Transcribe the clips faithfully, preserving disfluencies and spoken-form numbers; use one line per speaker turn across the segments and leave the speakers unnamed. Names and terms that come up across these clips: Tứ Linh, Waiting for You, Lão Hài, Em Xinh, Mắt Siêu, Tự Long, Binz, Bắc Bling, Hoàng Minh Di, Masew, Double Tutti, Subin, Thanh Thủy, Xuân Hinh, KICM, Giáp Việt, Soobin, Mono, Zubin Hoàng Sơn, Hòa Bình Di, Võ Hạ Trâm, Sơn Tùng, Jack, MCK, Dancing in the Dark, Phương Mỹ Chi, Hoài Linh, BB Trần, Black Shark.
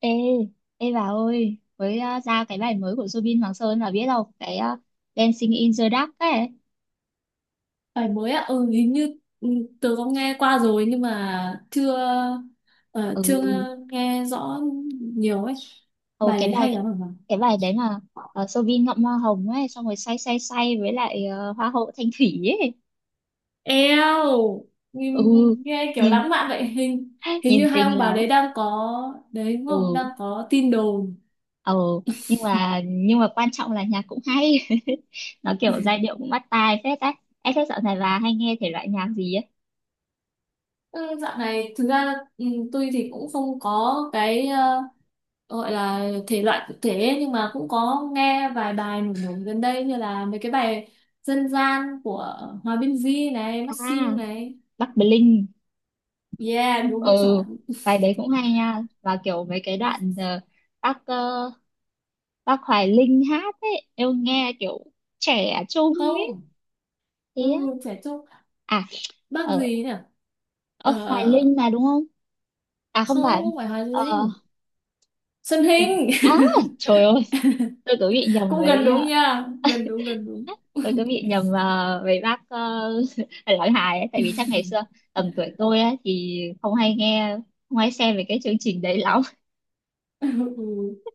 Ê, ê bà ơi, mới ờ, ra cái bài mới của Zubin Hoàng Sơn là biết đâu, cái ờ, Dancing in the Dark ấy.
Bài mới ạ, ừ, hình như ừ, tớ có nghe qua rồi nhưng mà chưa ờ,
Ừ,
chưa nghe rõ nhiều ấy.
Ồ,
Bài
cái
đấy
bài
hay lắm hả?
cái bài đấy mà uh, Soobin ngậm hoa hồng ấy, xong rồi say say say với lại ờ, hoa hậu Thanh Thủy ấy.
Eo, nghe
Ừ,
nghe kiểu
nhìn
lãng mạn vậy. Hình hình như
nhìn
hai
tình
ông bà
lắm.
đấy đang có đấy đúng không?
Ừ,
Đang có tin đồn.
ừ, nhưng mà nhưng mà quan trọng là nhạc cũng hay. Nó kiểu giai điệu cũng bắt tai phết ấy. Em thế dạo này bà hay nghe thể loại nhạc gì ấy?
Ừ, dạo này thực ra ừ, tôi thì cũng không có cái ờ, ờ, gọi là thể loại cụ thể ấy, nhưng mà cũng có nghe vài bài nổi nổi gần đây như là mấy cái bài dân gian của Hòa Bình Di này, Mắt Siêu
À,
này.
Bắc Bling
Yeah, đúng
ừ
chuẩn.
bài đấy cũng hay nha và kiểu mấy cái đoạn ờ, bác ờ, bác Hoài Linh hát ấy em nghe kiểu trẻ trung ấy
Không,
thế
ừ,
á.
trẻ trung.
À
Bác
ở
gì nhỉ?
ờ, Hoài
Ờ,
Linh mà đúng không, à không
không,
phải.
không phải Hòa
Ờ
Linh. Xuân
ừ.
Hinh.
À trời ơi tôi cứ bị nhầm
Cũng gần
với
đúng
ờ,
nha. Gần đúng, gần đúng.
tôi cứ bị nhầm ờ, với bác uh, Lão Hài ấy tại vì chắc ngày xưa tầm tuổi tôi ấy, thì không hay nghe không hay xem về cái chương trình đấy lắm.
Ừ,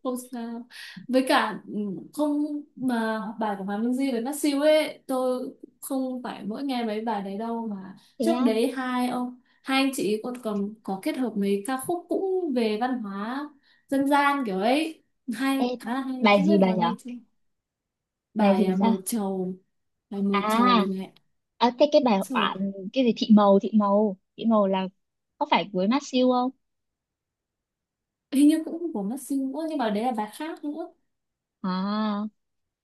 không sao, với cả ừ, không, mà bài của Hoàng Minh Di với Masew ấy, tôi không phải mỗi nghe mấy bài đấy đâu, mà
Thế
trước
á
đấy hai ông hai anh chị còn còn có kết hợp mấy ca khúc cũng về văn hóa dân gian kiểu ấy, hay,
ê
khá là hay,
bài
không biết
gì bà
vào
nhở,
nghe chưa.
bài
bài
gì
à,
sao,
mờ trầu bài mờ trầu
à
này.
à thế cái bài
Trời,
bạn cái gì thị màu thị màu thị màu là có phải với mát siêu không.
hình như cũng của Masew nữa, nhưng mà đấy là bài khác nữa.
À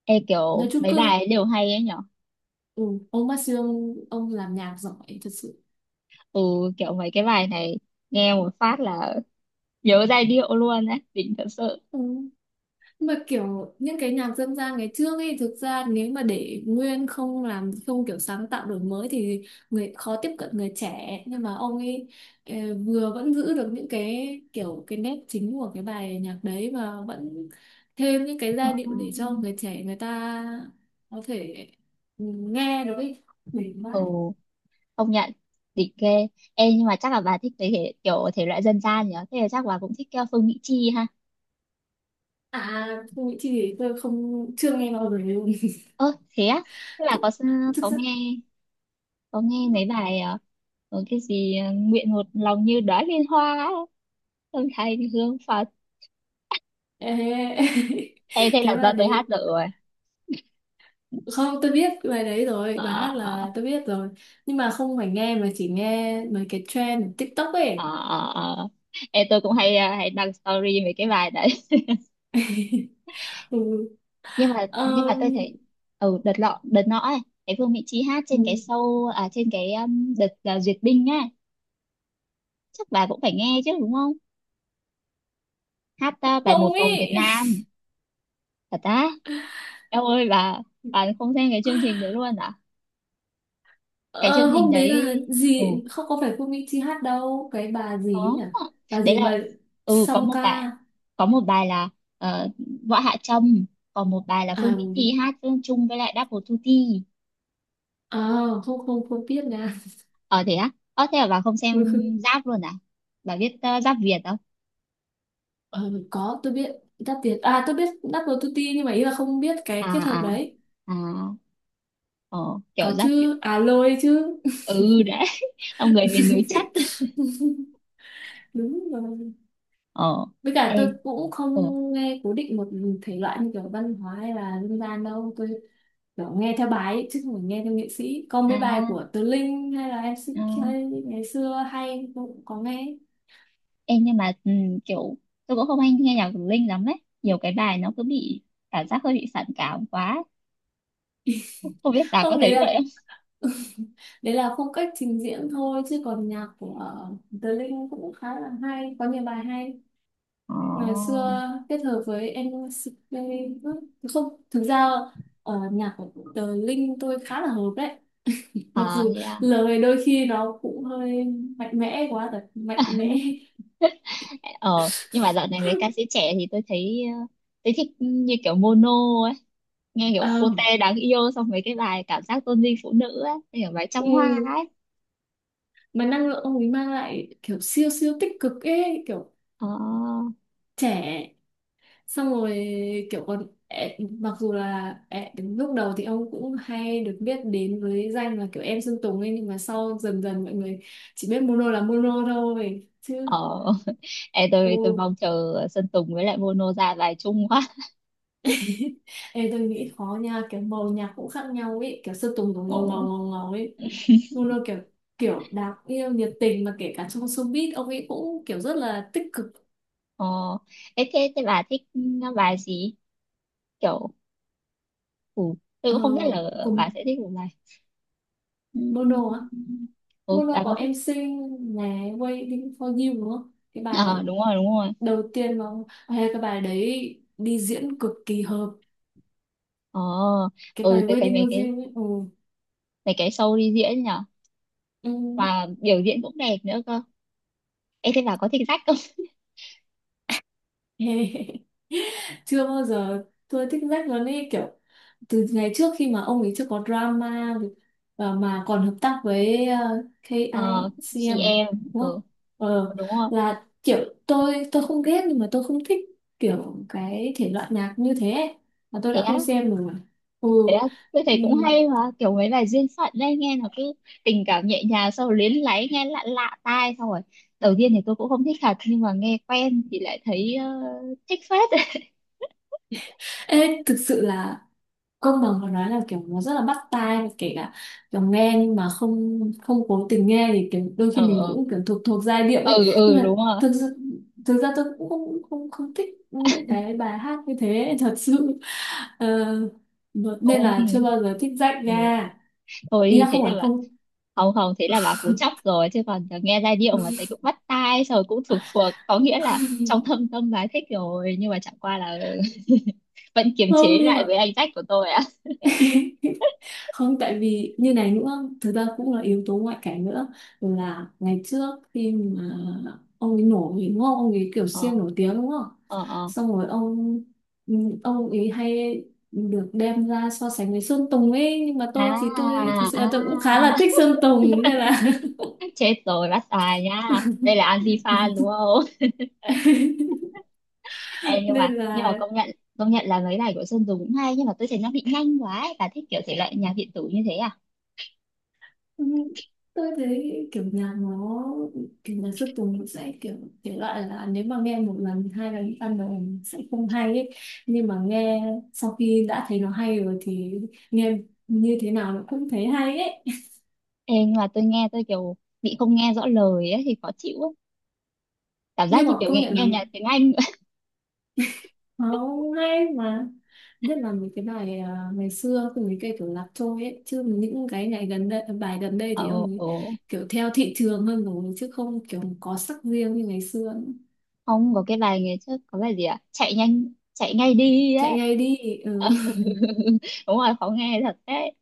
ê
Nói
kiểu
chung
mấy
cơ,
bài ấy đều hay ấy nhở,
ừ, ông Masew, ông, ông làm nhạc giỏi thật sự.
ừ kiểu mấy cái bài này nghe một phát là nhớ giai điệu luôn ấy, đỉnh thật sự.
Ừ, mà kiểu những cái nhạc dân gian ngày trước ấy, thực ra nếu mà để nguyên, không làm, không kiểu sáng tạo đổi mới thì người khó tiếp cận người trẻ, nhưng mà ông ấy ờ, vừa vẫn giữ được những cái kiểu cái nét chính của cái bài nhạc đấy, và vẫn thêm những cái giai
À.
điệu để cho người trẻ người ta có thể ừ, nghe được ấy. Đỉnh vãi.
Ừ công nhận đỉnh ghê. Ê nhưng mà chắc là bà thích mấy thể kiểu thể loại dân gian nhở, thế là chắc bà cũng thích uh, Phương Mỹ Chi ha.
À không, nghĩ Chi thì tôi không chưa nghe bao giờ luôn.
Ơ thế á thế là
thực,
có s-
thực
có
sự.
nghe, có nghe mấy bài ờ, có cái gì ờ, nguyện một lòng như đóa liên hoa ấy. Âm thanh hương Phật
Ê,
em thế
cái
là do
bài
tôi hát
đấy,
được rồi.
không, tôi biết bài đấy rồi, bài hát
Ờ,
là tôi biết rồi, nhưng mà không phải nghe, mà chỉ nghe mấy cái trend ở TikTok
ờ,
ấy.
ờ, ờ. Em tôi cũng hay ờ, hay đăng story mấy cái bài đấy.
ừ.
nhưng mà nhưng mà tôi
Ờm,
thấy ừ đợt lọ đợt nọ ấy cái Phương Mỹ Chi hát trên cái
ừ.
show, à trên cái um, đợt ờ, duyệt binh á, chắc bà cũng phải nghe chứ đúng không, hát ờ, bài
Không,
một vòng Việt
ý
Nam. Thật á em ơi bà bà không xem cái chương trình đấy luôn à? Cái chương
Ờ,
trình
hôm đấy
đấy
là
ừ
gì, không có phải Phương Mỹ Chi hát đâu, cái bà gì ấy
có,
nhỉ, bà
đấy
gì
là
mà
ừ có
song
một bài,
ca.
có một bài là ờ, Võ Hạ Trâm, còn một bài là Phương
à,
Mỹ Chi hát chung chung với lại Double Tutti.
à không, không không biết nha.
Ờ thế á ờ thế là bà không xem Giáp luôn à, bà biết ờ, Giáp Việt không?
ờ, có, tôi biết. Đáp Việt à, tôi biết Đáp Tuti, nhưng mà ý là không biết
À
cái kết hợp
à
đấy.
à ờ kiểu
Có
Giáp Việt
chứ, à lôi chứ.
ừ đấy ông người miền núi chất.
Đúng rồi.
Ờ
Với cả
ê
tôi cũng không
ờ
nghe cố định một thể loại như kiểu văn hóa hay là dân gian đâu. Tôi kiểu nghe theo bài ấy, chứ không phải nghe theo nghệ sĩ. Có mấy bài
à,
của Tứ Linh hay là
à
em xê ca ngày xưa hay tôi cũng có nghe.
ê nhưng mà ừ, kiểu tôi cũng không hay nghe nhạc của Linh lắm đấy, nhiều cái bài nó cứ bị cảm giác hơi bị phản cảm quá, không biết bà có
Không, đấy
thấy
là
vậy.
đấy là phong cách trình diễn thôi, chứ còn nhạc của ờ, Tứ Linh cũng khá là hay, có nhiều bài hay.
Ờ,
Ngày xưa kết hợp với em xê ca nữa. Không, thực ra ờ, nhạc của Tứ Linh tôi khá là hợp đấy. Mặc
à,
dù
thế à.
lời đôi khi nó cũng hơi mạnh mẽ quá, thật mạnh mẽ.
Ờ, nhưng mà dạo này mấy ca sĩ trẻ thì tôi thấy ờ, tôi thích như kiểu Mono ấy, nghe kiểu
Ờ,
cô Tê đáng yêu, xong mấy cái bài cảm giác tôn vinh phụ nữ ấy, như kiểu bài
ừ,
trăm hoa ấy.
mà năng lượng ông ấy mang lại kiểu siêu siêu tích cực ấy, kiểu
Ờ,
trẻ, xong rồi kiểu còn ẻ- mặc dù là ẻ- lúc đầu thì ông cũng hay được biết đến với danh là kiểu em Sơn Tùng ấy, nhưng mà sau dần dần mọi người chỉ biết Mono là Mono thôi chứ.
ờ. Ê, tôi tôi
Ừ.
mong chờ Sơn Tùng với lại Mono ra bài chung quá.
Ê, tôi nghĩ khó nha, kiểu màu nhạc cũng khác nhau ấy, kiểu Sơn Tùng cũng
Ờ,
ngầu ngầu ngầu ngầu ấy, Mono kiểu kiểu đáng yêu nhiệt tình, mà kể cả trong showbiz ông ấy cũng kiểu rất là tích cực.
ờ. Ê, thế thế bà thích ờ, bài gì? Kiểu ừ, tôi
ờ,
cũng không biết là bà
Cùng
sẽ thích một bài.
Mono á,
Ừm. Ừ,
Mono
bà có
có
thích.
Em Xinh này, Waiting for You đúng không, cái
Ờ,
bài
đúng rồi, đúng rồi.
đầu tiên mà hay, cái bài đấy đi diễn cực kỳ hợp,
Ờ
cái
ừ
bài
tôi thấy
Waiting
mấy
for
cái
You ấy. Ừ.
mấy cái show đi diễn nhở
Ừ.
và biểu diễn cũng đẹp nữa cơ. Em thấy bà có thích sách không?
chưa bao giờ tôi thích Jack luôn ấy, kiểu từ ngày trước khi mà ông ấy chưa có drama với- và mà còn hợp tác với ờ,
Ờ chị
ca i xê em à?
em
Đúng không?
ừ
Ờ,
đúng rồi.
là kiểu tôi tôi không ghét nhưng mà tôi không thích kiểu cái thể loại nhạc như thế ấy. Mà tôi
Thế
đã
á
không xem rồi. Ừ.
thế á tôi thấy
Ừ.
cũng hay mà kiểu mấy bài duyên phận đấy nghe nó cứ tình cảm nhẹ nhàng, xong rồi luyến láy nghe lạ lạ tai, xong rồi đầu tiên thì tôi cũng không thích thật, nhưng mà nghe quen thì lại thấy ờ, thích phết.
Ê, thực sự là công bằng có nói là kiểu nó rất là bắt tai, và kể cả kiểu nghe, nhưng mà không không cố tình nghe thì kiểu đôi
ờ
khi mình
ờ
cũng kiểu thuộc thuộc giai điệu ấy,
ừ
nhưng
ừ
mà
đúng rồi
thực sự thực ra tôi cũng không không không thích những cái bài hát như thế, thật sự. Ờ, nên là
ôi
chưa bao giờ thích rách
ừ.
ra. Ý
Ôi
là
thế
không phải
là bạn
không,
không không thế là bà cú chóc rồi, chứ còn nghe giai điệu mà thấy cũng bắt tai rồi cũng thuộc thuộc có nghĩa là trong thâm tâm bà ấy thích rồi, nhưng mà chẳng qua là vẫn kiềm
không,
chế
nhưng
lại
mà
với anh Jack của tôi ạ.
không, tại vì như này nữa. Thực ra cũng là yếu tố ngoại cảnh nữa, là ngày trước khi mà ông ấy nổi đúng không, ông ấy kiểu
Ờ
siêu nổi tiếng đúng không,
ờ ờ
xong rồi ông ừ, ông ấy hay được đem ra so sánh với Sơn Tùng ấy, nhưng mà
à
tôi thì tôi thực sự là tôi cũng khá
à
là thích Sơn Tùng nên là.
chết rồi bắt tài nha, đây là Anji fan đúng không? em nhưng mà
nên
nhưng mà
là.
công nhận, công nhận là mấy bài của Sơn Tùng cũng hay, nhưng mà tôi thấy nó bị nhanh quá ấy. Bà thích kiểu thể loại nhạc điện tử như thế à?
Ừ, tôi thấy kiểu nhạc nó, kiểu nhạc Xuất Tùng nó sẽ kiểu thể loại là nếu mà nghe một lần hai lần ban đầu sẽ không hay ấy, nhưng mà nghe sau khi đã thấy nó hay rồi thì nghe như thế nào nó cũng thấy hay ấy.
Ê, nhưng mà tôi nghe tôi kiểu bị không nghe rõ lời ấy, thì khó chịu ấy. Cảm giác
Nhưng
như
mà
kiểu
công
nghe,
nhận là
nghe nhạc tiếng Anh.
nó hay mà, biết là mấy cái bài à, ngày xưa cùng mấy cái kiểu Lạc Trôi ấy, chứ những cái ngày gần đây bài gần đây
ồ
thì ông ấy
ồ
kiểu theo thị trường hơn rồi, chứ không kiểu có sắc riêng như ngày xưa nữa.
ông có cái bài ngày trước có bài gì ạ chạy nhanh chạy ngay đi á.
Chạy Ngay Đi.
đúng rồi khó nghe thật đấy.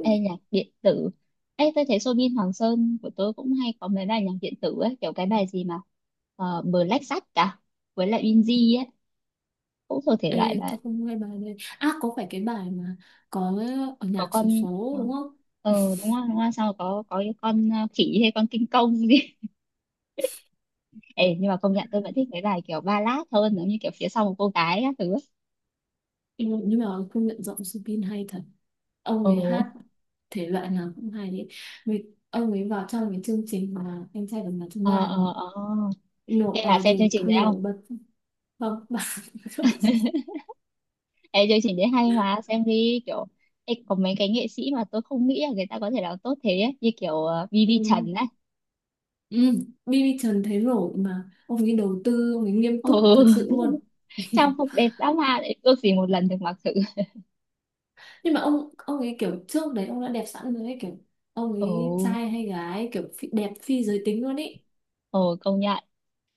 Ê, nhạc điện tử. Ê, tôi thấy Soobin Hoàng Sơn của tôi cũng hay có mấy bài nhạc điện tử ấy, kiểu cái bài gì mà uh, Black Shark cả với lại Binz ấy, cũng thuộc thể loại
Ê,
đấy.
tôi không nghe bài này. À, có phải cái bài mà có ở
Có
nhạc xổ
con
số
ờ
đúng không?
ờ, đúng rồi đúng rồi sao có có cái con ờ, khỉ hay con kinh công gì. Ê, nhưng mà công nhận tôi vẫn thích mấy bài kiểu ballad hơn, giống như kiểu phía sau một cô gái các thứ.
Ừ, nhưng mà công nhận giọng Subin hay thật. Ông ấy
Ồ,
hát thể loại nào cũng hay ấy. Vì ông ấy vào trong cái chương trình mà anh trai vượt ngàn chông
ờ
gai đúng
ờ
không?
ờ
Nổ
thế là
ờ,
xem chương
gì
trình đấy không.
nổi bật, không bạn.
Ê, chương trình đấy hay mà xem đi kiểu. Ê, có mấy cái nghệ sĩ mà tôi không nghĩ là người ta có thể làm tốt thế ấy, như kiểu ờ, bê bê
ừ.
Trần ấy.
Ừ. bê bê Trần thấy nổi, mà ông ấy đầu tư, ông ấy nghiêm
Ừ.
túc thật sự luôn.
trang phục đẹp dã man ấy, ước gì một lần được mặc thử.
nhưng mà ông ông ấy kiểu trước đấy ông đã đẹp sẵn rồi ấy, kiểu ông ấy
Ồ,
trai hay gái, kiểu phi, đẹp phi giới tính luôn ấy.
ồ, công nhận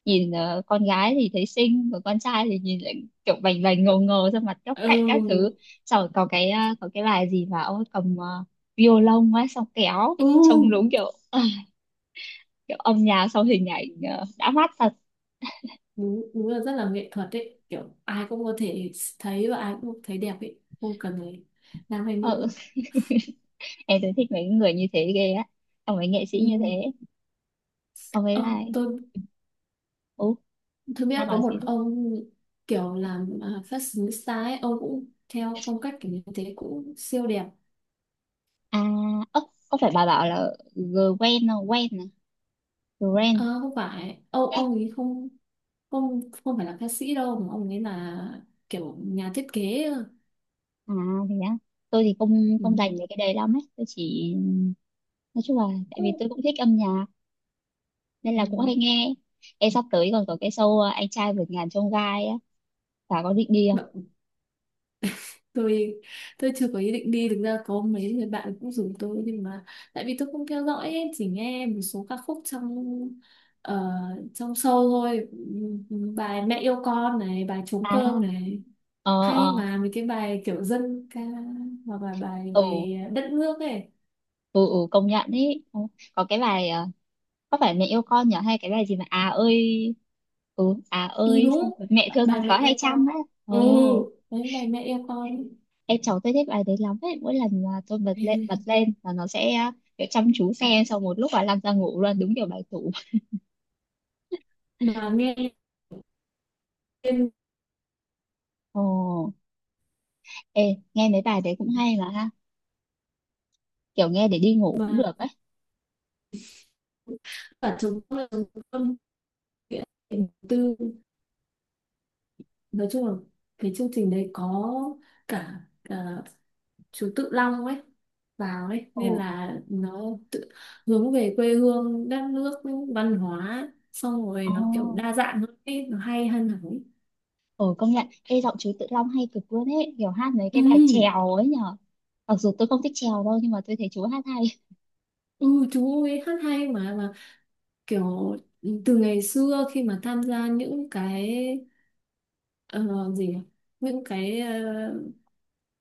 nhìn ờ, con gái thì thấy xinh, còn con trai thì nhìn lại kiểu bành bành ngầu ngầu ra mặt góc cạnh các thứ,
Ừ,
xong rồi có cái ờ, có cái bài gì mà ông ấy cầm ờ, violon ấy xong kéo
ừ,
trông đúng kiểu kiểu âm nhạc sau hình ảnh ờ, đã mát thật.
đúng, đúng là rất là nghệ thuật ấy, kiểu ai cũng có thể thấy và ai cũng thấy đẹp ấy, không cần phải nam hay
Ờ,
nữ.
em thấy thích mấy người như thế ghê á, xong mấy nghệ sĩ
Ừ.
như thế, xong mấy
Ờ,
bài
tôi
ú
tôi
ba
biết có
bảo
một
gì đấy.
ông kiểu làm à, fashionista ấy, ông cũng theo phong cách kiểu như thế, cũng siêu đẹp.
À ớ có phải bà bảo là Gwen không, Gwen à, Gwen
Ờ, không phải, ông
yeah.
ông ấy không, không, không phải là ca sĩ đâu, mà ông ấy là kiểu nhà thiết kế.
À thì đó tôi thì không
Ừ.
không dành về cái đấy lắm ấy, tôi chỉ nói chung là tại vì
Ồ.
tôi cũng thích âm nhạc nên
Ừ.
là cũng hay nghe. Em sắp tới còn có cái show ờ, anh trai vượt ngàn chông gai á, bà có định đi không?
Đ- tôi tôi chưa có ý định đi, thực ra có mấy người bạn cũng rủ tôi, nhưng mà tại vì tôi không theo dõi ấy, chỉ nghe một số ca khúc trong ờ, trong show thôi. Ừ, bài Mẹ Yêu Con này, bài Trống Cơm
À
này,
ờ
hay
ờ
mà, mấy cái bài kiểu dân ca hoặc là bài
ừ
về đất nước ấy.
ừ, ừ công nhận ý. Ờ, có cái bài ờ, có phải mẹ yêu con nhỉ, hay cái bài gì mà à ơi ừ à
Ừ
ơi, xong
đúng,
rồi mẹ thương con
bài Mẹ
có hay
Yêu
chăm
Con.
ấy.
Ừ,
Ồ
đấy, bài Mẹ Yêu Con.
em cháu tôi thích bài đấy lắm ấy, mỗi lần mà tôi bật lên bật lên là nó sẽ à, kiểu chăm chú xem, xong một lúc là lăn ra ngủ luôn, đúng kiểu bài tủ.
mà nghe lên,
Ồ ê nghe mấy bài đấy cũng hay mà ha, kiểu nghe để đi ngủ cũng
mà
được ấy.
cả chống là chống cơm, nghĩa là tư, nói chung là cái chương trình đấy có cả, cả chú Tự Long ấy vào ấy, nên
Ồ
là nó tự hướng về quê hương đất nước, văn hóa, xong rồi
ồ
nó kiểu đa dạng hơn ấy, nó hay hơn hẳn ấy.
ồ công nhận ê giọng chú Tự Long hay cực luôn ấy, kiểu hát mấy
Ừ,
cái bài chèo ấy nhở, mặc dù tôi không thích chèo đâu nhưng mà tôi thấy chú hát hay.
ừ, chú ấy hát hay mà, mà kiểu từ ngày xưa khi mà tham gia những cái ờ, gì nhỉ? Những cái ờ,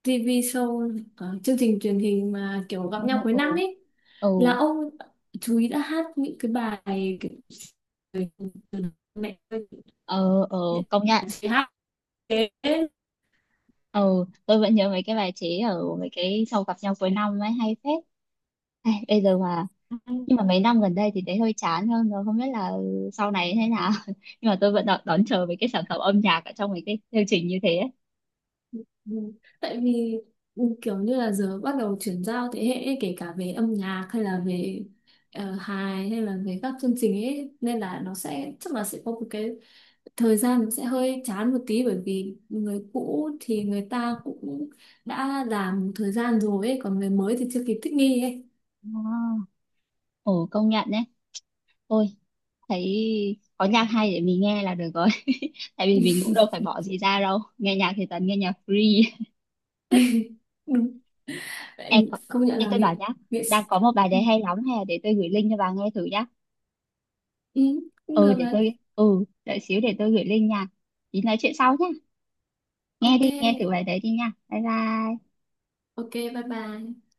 ti vi show, ờ, chương trình truyền hình mà kiểu gặp
Ồ
nhau cuối
ồ
năm ấy,
ồ
là ông chú ý đã hát những cái bài kiểu mẹ ơi,
ờ ờ
những
công nhận
bài chị hát thế.
ờ tôi vẫn nhớ mấy cái bài chế ở mấy cái sau gặp nhau cuối năm ấy hay phết. Ai, bây giờ mà nhưng mà mấy năm gần đây thì thấy hơi chán hơn rồi, không biết là sau này thế nào. nhưng mà tôi vẫn đón, đón chờ mấy cái sản phẩm âm nhạc ở trong mấy cái chương trình như thế ấy.
Ừ, tại vì ừ, kiểu như là giờ bắt đầu chuyển giao thế hệ ấy, kể cả về âm nhạc hay là về ờ, hài hay là về các chương trình ấy, nên là nó sẽ chắc là sẽ có một cái thời gian nó sẽ hơi chán một tí, bởi vì người cũ thì người ta cũng đã làm một thời gian rồi ấy, còn người mới thì chưa kịp thích nghi ấy.
Ờ, Ồ công nhận đấy. Ôi thấy có nhạc hay để mình nghe là được rồi. tại vì mình cũng đâu phải bỏ gì ra đâu, nghe nhạc thì toàn nghe nhạc free.
đúng
em
vậy, công nhận
em
là
tôi bảo
nghệ
nhá,
nghệ sĩ.
đang có một bài
ừ,
đấy hay lắm hè, để tôi gửi link cho bà nghe thử nhá.
Ừ, cũng
Ừ
được
để
đấy.
tôi ừ đợi xíu để tôi gửi link nha, tí nói chuyện sau nhá, nghe
Ok,
đi nghe thử bài đấy đi nha, bye bye.
ok, bye bye.